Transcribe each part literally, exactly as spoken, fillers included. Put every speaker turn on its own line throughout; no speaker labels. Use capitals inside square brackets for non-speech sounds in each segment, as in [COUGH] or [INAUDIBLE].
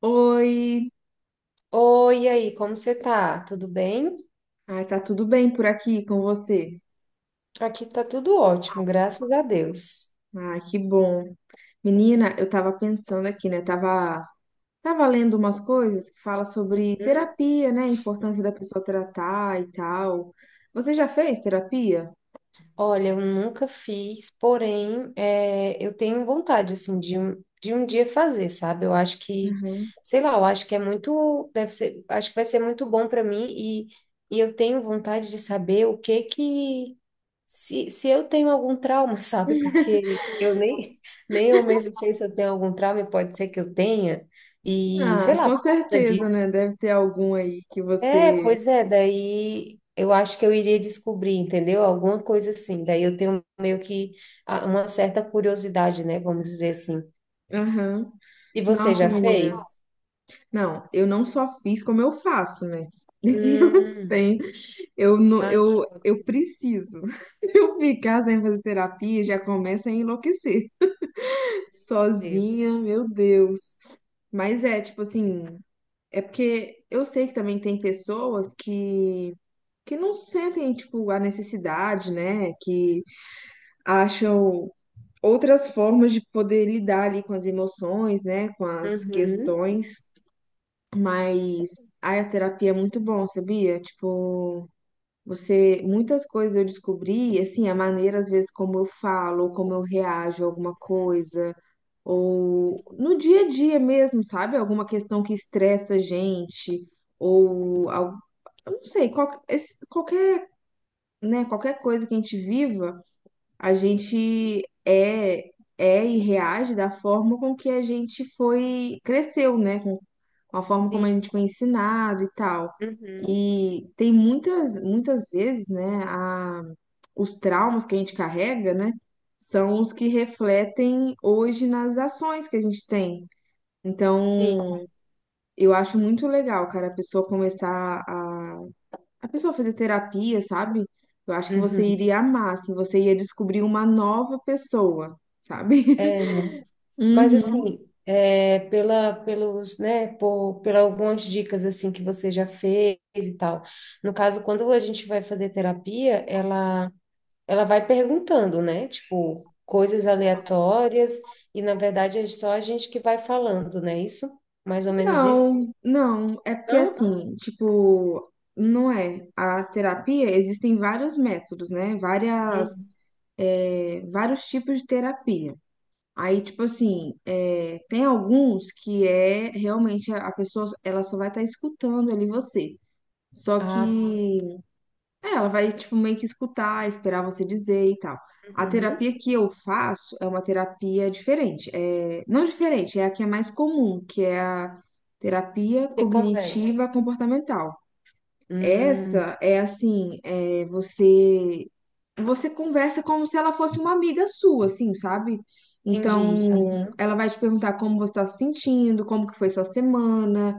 Oi,
Oi, e aí, como você tá? Tudo bem?
ai, tá tudo bem por aqui com você?
Aqui tá tudo ótimo, graças a Deus.
Ah, que bom. Menina, eu tava pensando aqui, né? Tava, tava lendo umas coisas que fala sobre
Hum?
terapia, né? A importância da pessoa tratar e tal. Você já fez terapia?
Olha, eu nunca fiz, porém, é, eu tenho vontade, assim, de um, de um dia fazer, sabe? Eu acho que,
Uhum.
sei lá, eu acho que é muito, deve ser, acho que vai ser muito bom para mim e, e eu tenho vontade de saber o que que, se, se eu tenho algum trauma, [LAUGHS] sabe? Porque eu nem, nem eu mesmo sei se eu tenho algum trauma e pode ser que eu tenha, e sei
Ah,
lá,
com
por conta
certeza,
disso.
né? Deve ter algum aí que
É,
você.
pois é, daí eu acho que eu iria descobrir, entendeu? Alguma coisa assim. Daí eu tenho meio que a- uma certa curiosidade, né? Vamos dizer assim.
Aham.
E você
Nossa,
já
menina.
fez?
Não, eu não só fiz como eu faço, né? [LAUGHS] Eu
Hum,
tenho Eu, não-
ah, que
eu, eu
ótimo.
preciso. [LAUGHS] Eu ficar sem fazer terapia já começa a enlouquecer.
Deus.
Sozinha, meu Deus. Mas é, tipo assim, é porque eu sei que também tem pessoas que, que não sentem, tipo, a necessidade, né? Que acham outras formas de poder lidar ali com as emoções, né? Com as
Uhum.
questões. Mas ai, a terapia é muito bom, sabia? Tipo. Você, muitas coisas eu descobri, assim, a maneira, às vezes, como eu falo, ou como eu reajo a alguma coisa, ou no dia a dia mesmo, sabe? Alguma questão que estressa a gente, ou, al- eu não sei, qual- esse- qualquer, né, qualquer coisa que a gente viva a gente é é e reage da forma com que a gente foi cresceu, né? Com, com a forma como a
Sim.
gente foi ensinado e tal.
Uhum.
E tem muitas muitas vezes, né, a, os traumas que a gente carrega, né, são os que refletem hoje nas ações que a gente tem.
Sim.
Então, eu acho muito legal, cara, a pessoa começar a a pessoa fazer terapia, sabe? Eu acho que você
Uhum.
iria amar, assim, você ia descobrir uma nova pessoa, sabe?
É, né?
[LAUGHS]
Mas
Uhum.
assim, é, pela, pelos, né, por, por algumas dicas assim que você já fez e tal. No caso, quando a gente vai fazer terapia, ela ela vai perguntando, né? Tipo, coisas aleatórias, e na verdade é só a gente que vai falando, né? Isso? Mais ou menos isso?
não, não, é porque
Não?
assim, tipo, não é. A terapia, existem vários métodos, né? Várias,
Uhum.
é, vários tipos de terapia. Aí, tipo assim, é, tem alguns que é realmente a a pessoa, ela só vai estar escutando ali você. Só
Ah,
que é, ela vai, tipo, meio que escutar, esperar você dizer e tal. A
uhum.
terapia que eu faço é uma terapia diferente. É, não diferente, é a que é mais comum, que é a terapia
Você conversa.
cognitiva comportamental.
Hum,
Essa é assim, é, você você conversa como se ela fosse uma amiga sua, assim, sabe?
entendi.
Então,
Aham.
ela vai te perguntar como você está se sentindo, como que foi sua semana,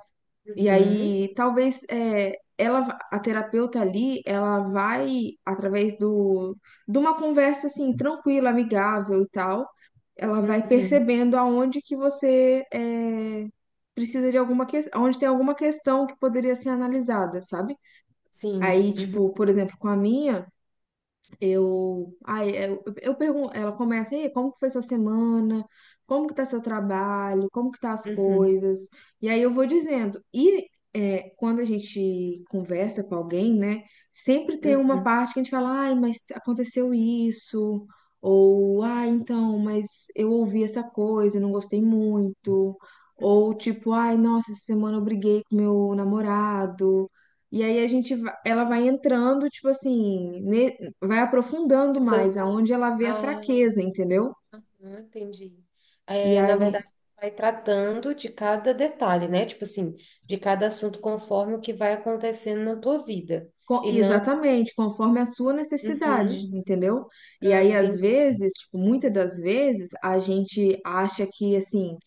e
Uhum.
aí, talvez é, ela, va- a terapeuta ali, ela vai através do, de uma conversa assim tranquila, amigável e tal, ela vai
Uhum.
percebendo aonde que você é, precisa de alguma questão, onde tem alguma questão que poderia ser analisada, sabe?
Sim.
Aí,
Uhum.
tipo, por exemplo, com a minha eu, ai, eu, eu pergunto, ela começa, e aí, como que foi sua semana? Como que tá seu trabalho? Como que tá as
Uhum.
coisas? E aí eu vou dizendo. E é, quando a gente conversa com alguém, né, sempre tem uma
Uhum.
parte que a gente fala, ai, mas aconteceu isso, ou, ah, então, mas eu ouvi essa coisa, e não gostei muito, ou
Uhum.
tipo, ai, nossa, essa semana eu briguei com meu namorado. E aí a gente, va- ela vai entrando, tipo assim, ne- vai aprofundando mais,
Essas.
aonde ela vê a
Ah.
fraqueza, entendeu?
Ah, entendi.
E
É, na
aí
verdade, vai tratando de cada detalhe, né? Tipo assim, de cada assunto conforme o que vai acontecendo na tua vida.
Co-
E não.
exatamente, conforme a sua necessidade,
Uhum.
entendeu? E
Ah,
aí, às
entendi.
vezes, tipo, muitas das vezes, a gente acha que, assim,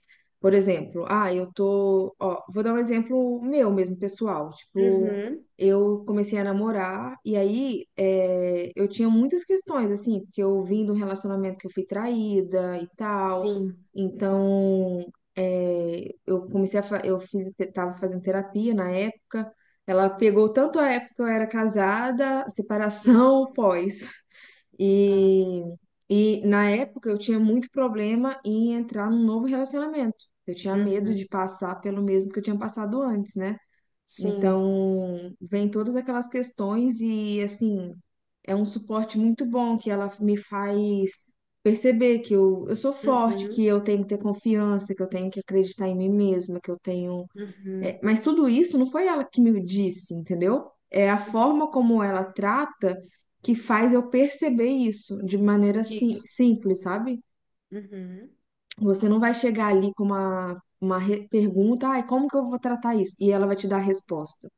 por exemplo, ah, eu tô, ó, vou dar um exemplo meu mesmo, pessoal. Tipo,
Uhum.
eu comecei a namorar e aí é, eu tinha muitas questões, assim, porque eu vim de um relacionamento que eu fui traída e tal,
Sim.
então, é, eu comecei a, fa- eu fiz, tava fazendo terapia na época, ela pegou tanto a época que eu era casada,
Uhum.
separação, pós.
Ah,
E, e na época eu tinha muito problema em entrar num novo relacionamento. Eu tinha medo
uhum.
de passar pelo mesmo que eu tinha passado antes, né?
Sim.
Então, vem todas aquelas questões e, assim, é um suporte muito bom que ela me faz perceber que eu, eu sou forte,
Uhum.
que eu tenho que ter confiança, que eu tenho que acreditar em mim mesma, que eu tenho
Uhum.
é, mas tudo isso não foi ela que me disse, entendeu? É a
Uhum.
forma como ela trata que faz eu perceber isso de maneira
Que.
sim,
Ah, tá.
simples, sabe?
Uhum.
Você não vai chegar ali com uma, uma re- pergunta, ai, como que eu vou tratar isso? E ela vai te dar a resposta.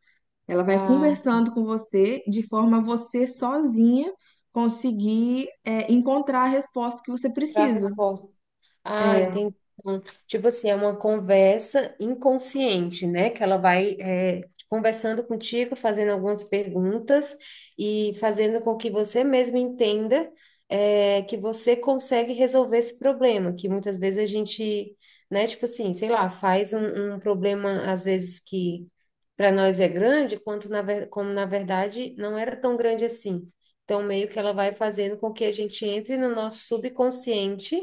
Ela vai
Ah, tá.
conversando com você de forma a você sozinha conseguir é, encontrar a resposta que você
Encontrar a
precisa.
resposta. Ah,
É,
entendi. Então, tipo assim, é uma conversa inconsciente, né? Que ela vai é, conversando contigo, fazendo algumas perguntas e fazendo com que você mesmo entenda é, que você consegue resolver esse problema, que muitas vezes a gente, né? Tipo assim, sei lá, faz um, um problema às vezes que para nós é grande, quanto na, ver- como na verdade não era tão grande assim. Então, meio que ela vai fazendo com que a gente entre no nosso subconsciente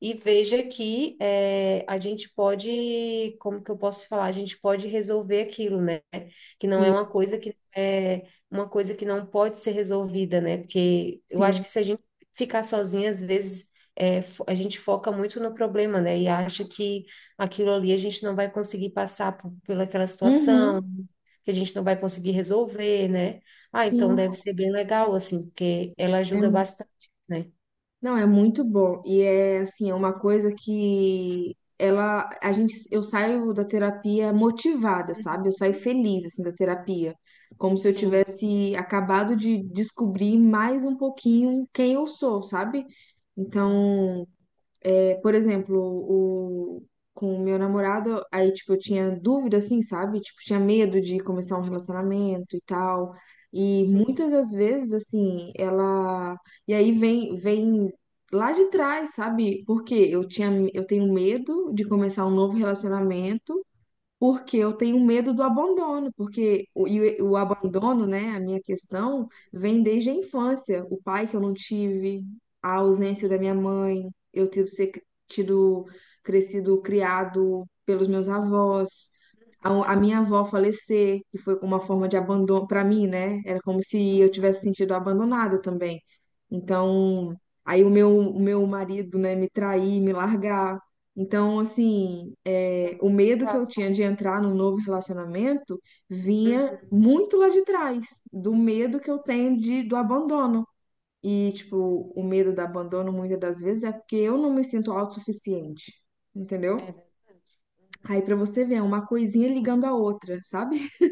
e veja que eh, a gente pode, como que eu posso falar? A gente pode resolver aquilo, né? Que não é uma coisa
isso,
que é uma coisa que não pode ser resolvida, né? Porque eu acho
sim.
que se a gente ficar sozinha, às vezes eh, fo- a gente foca muito no problema, né? E acha que aquilo ali a gente não vai conseguir passar por, pela aquela
Uhum,
situação, que a gente não vai conseguir resolver, né? Ah, então
sim.
deve ser bem legal, assim, porque ela
É
ajuda bastante, né?
não, é muito bom. E é assim, é uma coisa que ela, a gente, eu saio da terapia motivada,
Uhum.
sabe? Eu saio feliz assim da terapia, como se eu
Sim.
tivesse acabado de descobrir mais um pouquinho quem eu sou, sabe? Então, é, por exemplo, o, com o meu namorado, aí, tipo, eu tinha dúvida, assim, sabe? Tipo, tinha medo de começar um relacionamento e tal. E
Sim.
muitas das vezes, assim, ela. E aí vem, vem lá de trás, sabe? Porque eu tinha, eu tenho medo de começar um novo relacionamento. Porque eu tenho medo do abandono, porque o, e o abandono, né, a minha questão, vem desde a infância. O pai que eu não tive, a ausência da minha mãe, eu ter ser cri- tido, crescido, criado pelos meus avós, a, a
Uhum.
minha avó falecer, que foi uma forma de abandono para mim, né? Era como se eu
Uhum.
tivesse sentido abandonada também. Então, aí o meu, o meu marido, né, me trair, me largar. Então, assim,
Então,
é, o
de
medo que eu
fato.
tinha de entrar num novo relacionamento vinha
Uhum.
muito lá de trás, do medo que eu
Uhum.
tenho de, do abandono. E, tipo, o medo do abandono, muitas das vezes, é porque eu não me sinto autossuficiente,
É
entendeu?
verdade.
Aí, pra
Uhum.
você ver, é uma coisinha ligando a outra, sabe? [LAUGHS]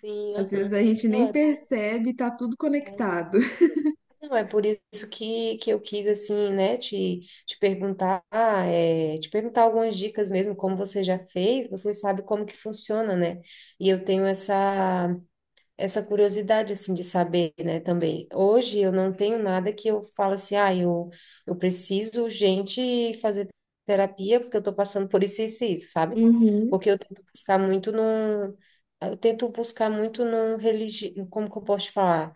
Sim,
Às vezes
aham.
a gente
Não,
nem
é bem.
percebe, tá tudo
É,
conectado.
não, é por isso que, que eu quis, assim, né, te, te perguntar, é, te perguntar algumas dicas mesmo, como você já fez, você sabe como que funciona, né? E eu tenho essa. Essa curiosidade assim de saber, né, também. Hoje eu não tenho nada que eu falo assim, ah, eu, eu preciso, gente, fazer terapia porque eu tô passando por isso, isso, e isso, sabe?
Uhum,
Porque eu tento buscar muito num, eu tento buscar muito num religi... como que eu posso te falar?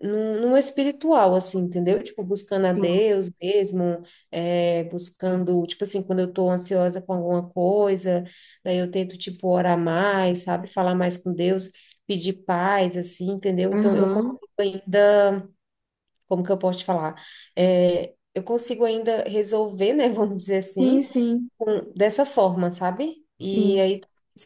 num, num espiritual, assim, entendeu? Tipo, buscando a
sim.
Deus mesmo, é, buscando, tipo assim, quando eu tô ansiosa com alguma coisa, daí eu tento, tipo, orar mais, sabe? Falar mais com Deus, pedir paz, assim, entendeu? Então, eu consigo
Aham.
ainda, como que eu posso te falar? É, eu consigo ainda resolver, né, [LAUGHS] vamos dizer assim,
Sim, sim,
com- dessa forma, sabe? E
sim.
aí,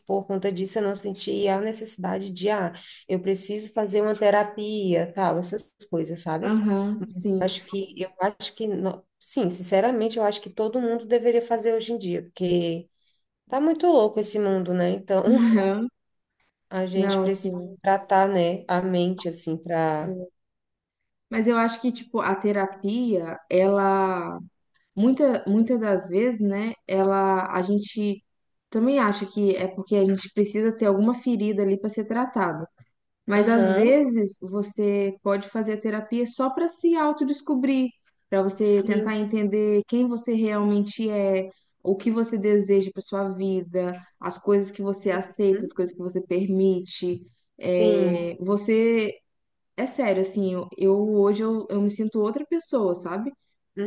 por conta disso, eu não senti a necessidade de, ah, eu preciso fazer uma terapia, tal, essas coisas, sabe?
Aham,
Mas eu
sim.
acho que, eu acho que, no- sim, sinceramente, eu acho que todo mundo deveria fazer hoje em dia, porque tá muito louco esse mundo, né? Então,
[LAUGHS]
[LAUGHS]
Aham.
a gente
Não,
precisa
sim.
tratar, né, a mente, assim, pra...
Mas eu acho que, tipo, a terapia, ela, muita, muitas das vezes, né, ela, a gente também acha que é porque a gente precisa ter alguma ferida ali para ser tratada. Mas às
Aham,
vezes você pode fazer a terapia só para se autodescobrir, para você tentar
sim,
entender quem você realmente é, o que você deseja para sua vida, as coisas que você aceita, as
uhum,
coisas que você permite.
sim,
É, você é sério, assim, eu, eu- hoje eu, eu me sinto outra pessoa, sabe?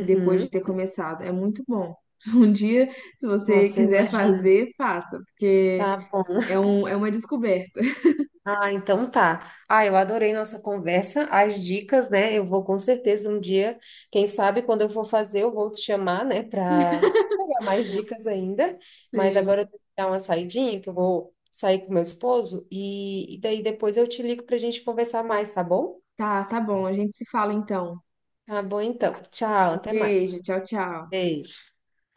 Depois de ter começado. É muito bom. [LAUGHS] Um dia, se você
Nossa, eu
quiser
imagino.
fazer, faça, porque
Tá bom.
é, um, é uma descoberta.
Ah, então tá. Ah, eu adorei nossa conversa, as dicas, né? Eu vou com certeza um dia, quem sabe quando eu for fazer, eu vou te chamar, né, para pegar mais dicas ainda. Mas
Sim.
agora eu tenho que dar uma saidinha, que eu vou sair com meu esposo e, e daí depois eu te ligo para a gente conversar mais, tá bom?
Tá, tá bom. A gente se fala então.
Tá bom, então. Tchau,
Um
até
beijo,
mais.
tchau, tchau.
Beijo.